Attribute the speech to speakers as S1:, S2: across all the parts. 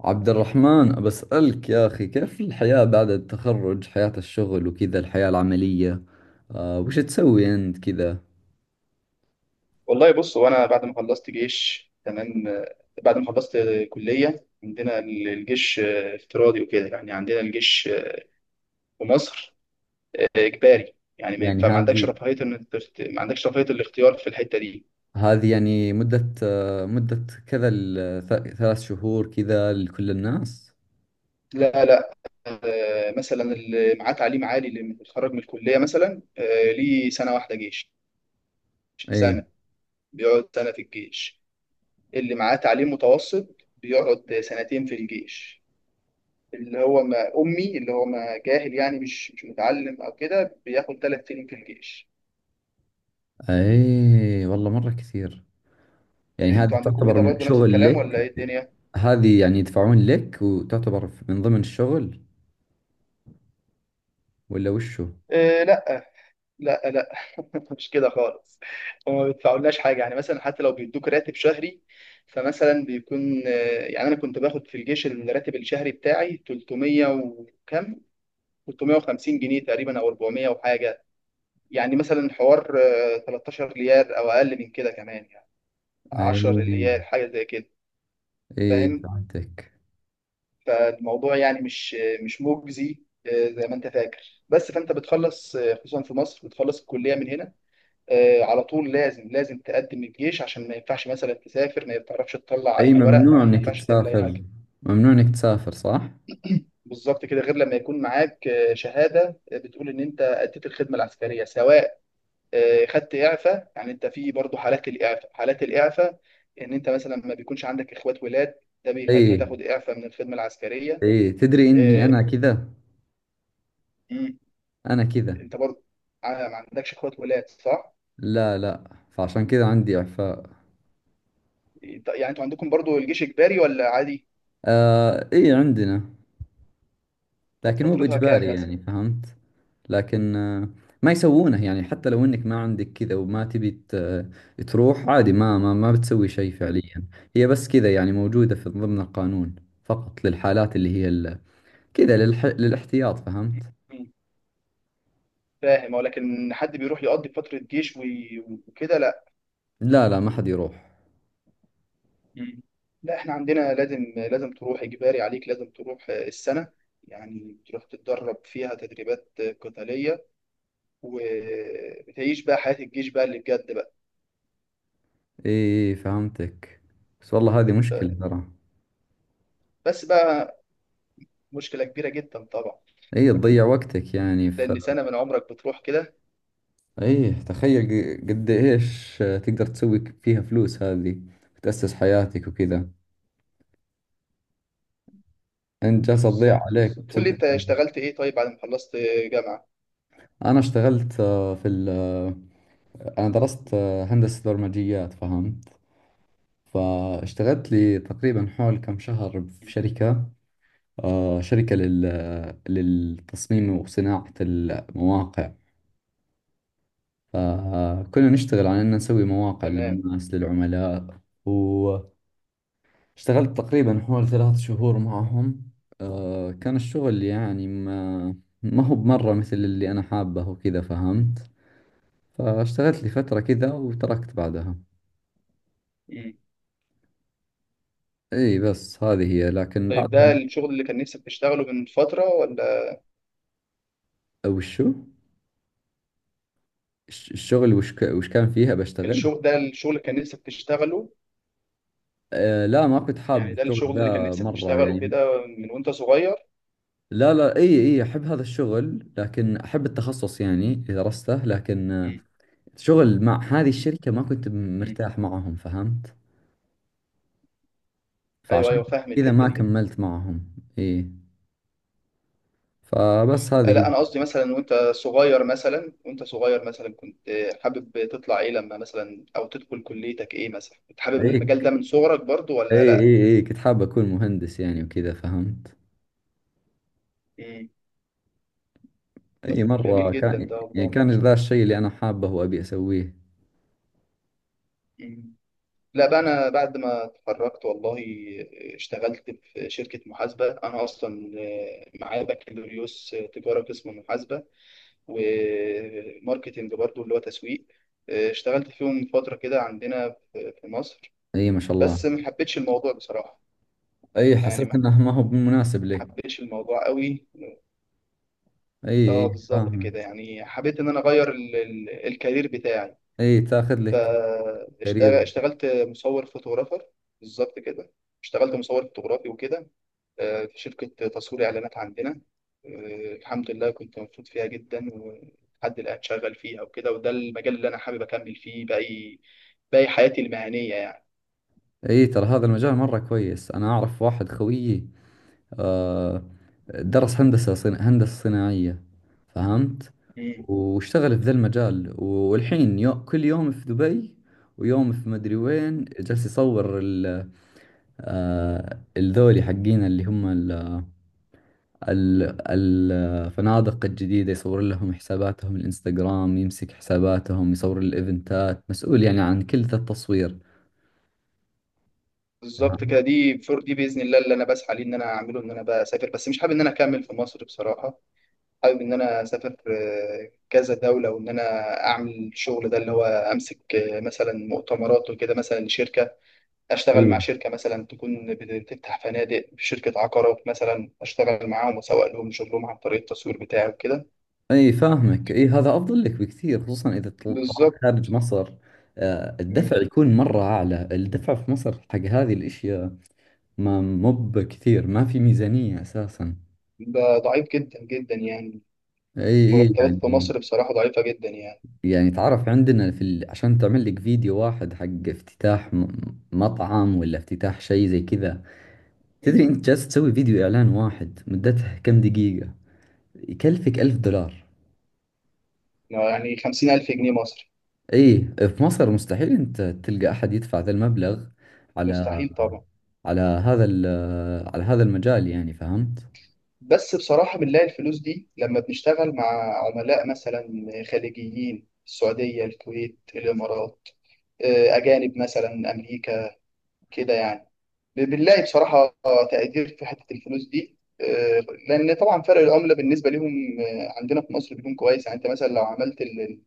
S1: عبد الرحمن بسألك يا أخي كيف الحياة بعد التخرج، حياة الشغل وكذا، الحياة العملية. وش تسوي أنت كذا؟
S2: والله، بص هو انا بعد ما خلصت جيش تمام. بعد ما خلصت كليه. عندنا الجيش افتراضي وكده، يعني عندنا الجيش في مصر اجباري، يعني ما
S1: يعني
S2: ينفع. ما عندكش
S1: هذه
S2: رفاهيه الاختيار في الحته دي.
S1: هذه يعني مدة، مدة كذا، 3 شهور كذا لكل الناس؟
S2: لا، لا. مثلا اللي معاه تعليم عالي، اللي متخرج من الكليه مثلا، ليه سنه واحده جيش.
S1: إيه.
S2: سنه، بيقعد سنه في الجيش. اللي معاه تعليم متوسط بيقعد سنتين في الجيش. اللي هو ما أمي، اللي هو ما جاهل، يعني مش متعلم أو كده، بياخد ثلاث سنين في الجيش.
S1: إيه والله مرة كثير. يعني
S2: يعني
S1: هذه
S2: أنتوا عندكم
S1: تعتبر
S2: كده
S1: من
S2: برضه نفس
S1: شغل
S2: الكلام ولا
S1: لك؟
S2: إيه الدنيا؟
S1: هذه يعني يدفعون لك وتعتبر من ضمن الشغل ولا وشو؟
S2: إيه، لا، لا، لا. مش كده خالص. وما بيدفعولناش حاجة، يعني مثلا حتى لو بيدوك راتب شهري، فمثلا بيكون يعني أنا كنت باخد في الجيش الراتب الشهري بتاعي 300 وكم، 350 جنيه تقريبا، أو 400 وحاجة. يعني مثلا حوار 13 ريال أو أقل من كده كمان يعني، 10
S1: إيه.
S2: ريال حاجة زي كده.
S1: إيه،
S2: فاهم.
S1: فهمتك.
S2: فالموضوع يعني مش مجزي زي ما انت فاكر. بس فانت بتخلص خصوصا في مصر، بتخلص الكليه من هنا على طول لازم تقدم الجيش، عشان ما ينفعش مثلا تسافر، ما تعرفش تطلع
S1: اي،
S2: اي ورق،
S1: ممنوع
S2: ما
S1: انك
S2: ينفعش تعمل اي
S1: تسافر،
S2: حاجه.
S1: ممنوع انك تسافر، صح.
S2: بالظبط كده. غير لما يكون معاك شهاده بتقول ان انت اديت الخدمه العسكريه، سواء خدت اعفاء. يعني انت في برضه حالات الاعفاء. حالات الاعفاء ان انت مثلا ما بيكونش عندك اخوات ولاد، ده
S1: اي
S2: بيخليك تاخد اعفاء من الخدمه العسكريه.
S1: اي، تدري اني انا كذا، انا كذا.
S2: انت برضه، ما عندكش اخوات ولاد، صح؟
S1: لا لا، فعشان كذا عندي اعفاء.
S2: يعني انتوا عندكم برضه الجيش اجباري ولا عادي؟
S1: آه، اي، عندنا،
S2: او
S1: لكن مو
S2: فترتها كام
S1: باجباري،
S2: مثلا؟
S1: يعني فهمت. لكن ما يسوونه، يعني حتى لو انك ما عندك كذا وما تبي تروح عادي، ما بتسوي شيء
S2: مم.
S1: فعليا. هي بس كذا، يعني موجودة في ضمن القانون فقط للحالات اللي هي كذا، للاحتياط، فهمت.
S2: مم. فاهم. اه، لكن حد بيروح يقضي فترة جيش وكده؟ لا.
S1: لا لا، ما حد يروح.
S2: مم. لا، احنا عندنا لازم تروح، اجباري عليك لازم تروح السنة. يعني تروح تتدرب فيها تدريبات قتالية، وبتعيش بقى حياة الجيش بقى اللي بجد بقى.
S1: اي فهمتك. بس والله هذه مشكلة ترى.
S2: بس بقى، مشكلة كبيرة جدا طبعا.
S1: اي، تضيع وقتك يعني،
S2: لأن سنة من عمرك بتروح كده.
S1: اي تخيل قد ايش تقدر تسوي فيها فلوس هذه، تأسس حياتك وكذا، انت جالسة تضيع
S2: بالظبط،
S1: عليك
S2: بالظبط. قول لي،
S1: بسبب.
S2: انت اشتغلت ايه طيب بعد ما خلصت جامعة؟
S1: انا اشتغلت، آه، في ال... آه، انا درست، هندسة برمجيات، فهمت. فاشتغلت لي تقريبا حول كم شهر في شركة، شركة للتصميم وصناعة المواقع. فكنا نشتغل على أن نسوي مواقع
S2: تمام.
S1: للناس، للعملاء. واشتغلت تقريبا حوالي 3 شهور معهم. كان الشغل يعني ما هو بمرة مثل اللي أنا حابه وكذا، فهمت. فاشتغلت لي فترة كذا وتركت بعدها.
S2: مم.
S1: اي بس هذه هي، لكن
S2: طيب، ده
S1: بعدها
S2: الشغل اللي كان نفسك تشتغله من فترة ولا؟
S1: وشو؟ الشغل، وش وش كان فيها بشتغل؟
S2: الشغل ده الشغل اللي كان نفسك تشتغله؟
S1: آه لا، ما كنت حاب
S2: يعني ده
S1: الشغل
S2: الشغل اللي كان
S1: ذا
S2: نفسك
S1: مرة
S2: تشتغله
S1: يعني.
S2: كده من وانت صغير؟
S1: لا لا، اي اي، احب هذا الشغل، لكن احب التخصص يعني اللي درسته، لكن
S2: مم.
S1: شغل مع هذه
S2: مم.
S1: الشركة ما كنت
S2: مم.
S1: مرتاح معهم، فهمت.
S2: ايوه، ايوه،
S1: فعشان
S2: فاهم
S1: كذا
S2: الحتة
S1: ما
S2: دي.
S1: كملت معهم. اي، فبس هذه هي.
S2: لا، انا قصدي مثلا وانت صغير، مثلا وانت صغير، مثلا كنت حابب تطلع ايه لما مثلا او تدخل كليتك ايه، مثلا كنت حابب
S1: اي
S2: المجال ده من صغرك برضو ولا
S1: اي
S2: لا؟
S1: اي اي، كنت حاب اكون مهندس يعني وكذا، فهمت.
S2: مم.
S1: اي،
S2: جميل
S1: مرة
S2: جدا
S1: كان
S2: ده،
S1: يعني
S2: والله
S1: كان
S2: يعني.
S1: ذا الشيء اللي انا حابه وابي اسويه.
S2: مم. لا بقى، انا بعد ما اتخرجت والله اشتغلت في شركه محاسبه. انا اصلا معايا بكالوريوس تجاره قسم محاسبه وماركتنج برضو، اللي هو تسويق. اشتغلت فيهم فتره كده عندنا في مصر.
S1: اي ما شاء الله.
S2: بس ما حبيتش الموضوع بصراحه.
S1: اي،
S2: يعني
S1: حسيت
S2: ما
S1: انه ما هو مناسب لك.
S2: حبيتش الموضوع قوي.
S1: اي
S2: اه،
S1: اي
S2: بالظبط كده.
S1: فاهمك.
S2: يعني حبيت ان انا اغير الكارير بتاعي.
S1: اي، تاخذ لك كارير.
S2: فاشتغلت مصور فوتوغرافر. بالظبط كده. اشتغلت مصور فوتوغرافي وكده في شركة تصوير إعلانات عندنا. الحمد لله كنت مبسوط فيها جدا، ولحد الآن شغال فيها وكده. وده المجال اللي أنا حابب أكمل فيه باقي حياتي المهنية يعني.
S1: اي، ترى هذا المجال مرة كويس. انا اعرف واحد خويي، آه، درس هندسة صناعية، فهمت.
S2: مم.
S1: واشتغل في ذا المجال، والحين كل يوم في دبي، ويوم في مدري وين، جالس يصور ال... آه، الذولي حقين اللي هم ال... الفنادق الجديدة، يصور لهم حساباتهم الانستغرام، يمسك حساباتهم، يصور الايفنتات، مسؤول يعني عن كل ذا التصوير،
S2: بالظبط كده.
S1: فهمت.
S2: دي فور دي، بإذن الله اللي أنا بسعى ليه، إن أنا أعمله إن أنا بقى أسافر. بس مش حابب إن أنا أكمل في مصر بصراحة. حابب إن أنا أسافر كذا دولة، وإن أنا أعمل الشغل ده اللي هو أمسك مثلا مؤتمرات وكده مثلا لشركة. اشتغل
S1: إيه.
S2: مع شركه مثلا تكون بتفتح فنادق، شركه عقارات مثلا، اشتغل معاهم واسوق لهم شغلهم عن طريق التصوير بتاعي وكده.
S1: اي فاهمك. اي هذا افضل لك بكثير، خصوصا اذا طلعت
S2: بالظبط.
S1: خارج مصر.
S2: مم.
S1: الدفع يكون مرة اعلى. الدفع في مصر حق هذه الاشياء ما مب كثير، ما في ميزانية اساسا.
S2: ده ضعيف جدا جدا يعني.
S1: اي اي
S2: مرتبات في
S1: يعني.
S2: مصر بصراحه ضعيفه جدا يعني.
S1: يعني تعرف عندنا عشان تعمل لك فيديو واحد حق افتتاح مطعم، ولا افتتاح شيء زي كذا،
S2: مم.
S1: تدري انت جالس تسوي فيديو اعلان واحد مدته كم دقيقة يكلفك 1000 دولار.
S2: يعني 50000 ألف جنيه مصري.
S1: اي، في مصر مستحيل انت تلقى احد يدفع ذا المبلغ على،
S2: مستحيل طبعا.
S1: على هذا على هذا المجال يعني، فهمت؟
S2: بس بصراحه بنلاقي الفلوس دي لما بنشتغل مع عملاء مثلا خليجيين، السعوديه، الكويت، الامارات، اجانب مثلا، امريكا كده يعني. بالله، بصراحة تقدير في حتة الفلوس دي لأن طبعا فرق العملة بالنسبة لهم عندنا في مصر بيكون كويس. يعني أنت مثلا لو عملت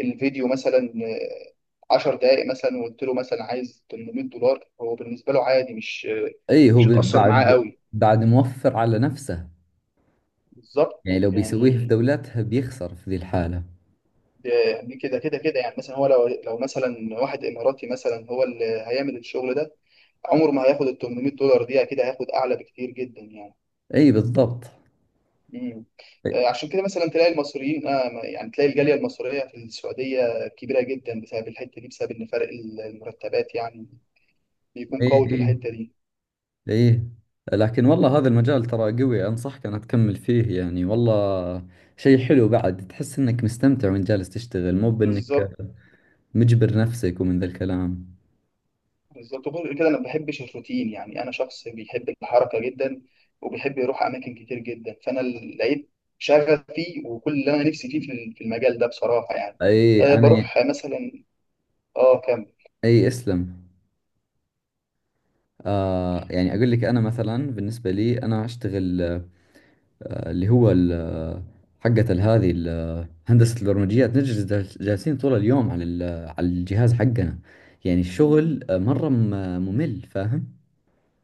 S2: الفيديو مثلا 10 دقائق مثلا، وقلت له مثلا عايز 800 دولار، هو بالنسبة له عادي، مش
S1: اي، هو
S2: مش هتأثر معاه
S1: بعد،
S2: قوي.
S1: بعد موفر على نفسه.
S2: بالظبط
S1: يعني لو بيسويه في
S2: يعني.
S1: دولتها بيخسر في ذي الحالة.
S2: ده يعني كده كده كده، يعني مثلا هو لو مثلا واحد إماراتي مثلا، هو اللي هيعمل الشغل ده، عمره ما هياخد ال 800 دولار دي، أكيد هياخد أعلى بكتير جدا يعني.
S1: اي بالضبط.
S2: مم.
S1: اي
S2: عشان كده مثلا تلاقي المصريين، آه يعني تلاقي الجالية المصرية في السعودية كبيرة جدا بسبب الحتة دي، بسبب إن فرق المرتبات يعني بيكون
S1: اي
S2: قوي في الحتة دي.
S1: اي. لكن والله هذا المجال ترى قوي، انصحك انا تكمل فيه يعني. والله شيء حلو بعد، تحس انك مستمتع وانت جالس تشتغل، مو بانك
S2: بالظبط،
S1: مجبر نفسك ومن ذا الكلام.
S2: بالظبط. وغير كده أنا ما بحبش الروتين، يعني أنا شخص بيحب الحركة جدا وبيحب يروح أماكن كتير جدا. فأنا لقيت شغف فيه وكل اللي أنا نفسي فيه في في المجال ده بصراحة يعني.
S1: اي
S2: آه
S1: انا.
S2: بروح مثلا. آه كمل.
S1: اي اسلم. يعني اقول لك، انا مثلا بالنسبة لي، انا اشتغل اللي هو حقت هندسة البرمجيات، نجلس جالسين طول اليوم على على الجهاز حقنا، يعني الشغل مرة ممل، فاهم؟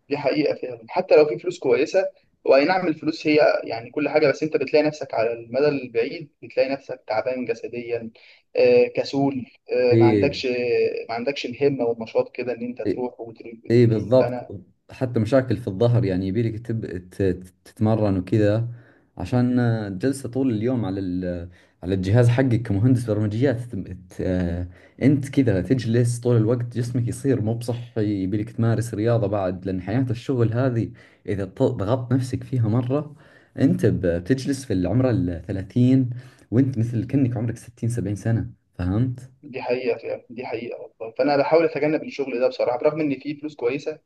S2: دي حقيقة فعلا، حتى لو في فلوس كويسة. هو أي نعم، الفلوس هي يعني كل حاجة، بس أنت بتلاقي نفسك على المدى البعيد بتلاقي نفسك تعبان جسديا، كسول، آه، ما
S1: ايه.
S2: عندكش ما عندكش الهمة والنشاط كده إن أنت تروح وتروح
S1: اي
S2: وتيجي.
S1: بالضبط.
S2: فأنا
S1: حتى مشاكل في الظهر، يعني يبيلك تتمرن وكذا، عشان جلسة طول اليوم على الجهاز حقك كمهندس برمجيات، تم- ت... آه، انت كذا تجلس طول الوقت، جسمك يصير مو بصحي، يبيلك تمارس رياضة بعد، لأن حياة الشغل هذه إذا ضغطت نفسك فيها مرة، انت بتجلس في العمر الثلاثين، وانت مثل كأنك عمرك 60 70 سنة، فهمت؟
S2: دي حقيقة فعلا، دي حقيقة والله. فأنا بحاول أتجنب الشغل ده بصراحة، برغم إن فيه فلوس كويسة.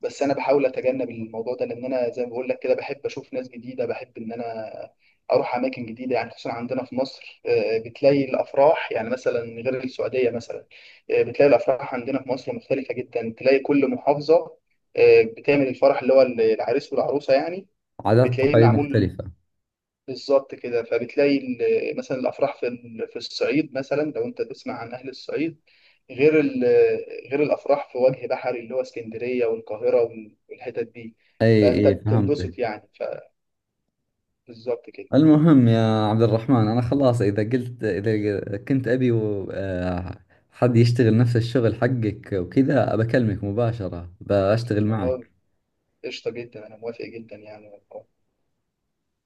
S2: بس انا بحاول اتجنب الموضوع ده، لان انا زي ما بقول لك كده، بحب اشوف ناس جديده، بحب ان انا اروح اماكن جديده يعني. خصوصا عندنا في مصر، بتلاقي الافراح، يعني مثلا غير السعوديه مثلا، بتلاقي الافراح عندنا في مصر مختلفه جدا. تلاقي كل محافظه بتعمل الفرح اللي هو العريس والعروسه يعني،
S1: عادات
S2: بتلاقيه
S1: وتقاليد
S2: معمول
S1: مختلفة.
S2: بالظبط كده. فبتلاقي مثلا الافراح في في الصعيد مثلا، لو انت تسمع عن اهل الصعيد، غير غير الافراح في وجه بحري اللي هو اسكندريه والقاهره والحتت دي.
S1: اي
S2: فانت
S1: اي
S2: بتنبسط
S1: فهمتك.
S2: يعني. فبالظبط كده.
S1: المهم يا عبد الرحمن، أنا خلاص، إذا قلت، إذا كنت أبي حد يشتغل نفس الشغل حقك وكذا، بكلمك مباشرة بشتغل
S2: والله
S1: معك.
S2: قشطه جدا، انا موافق جدا يعني.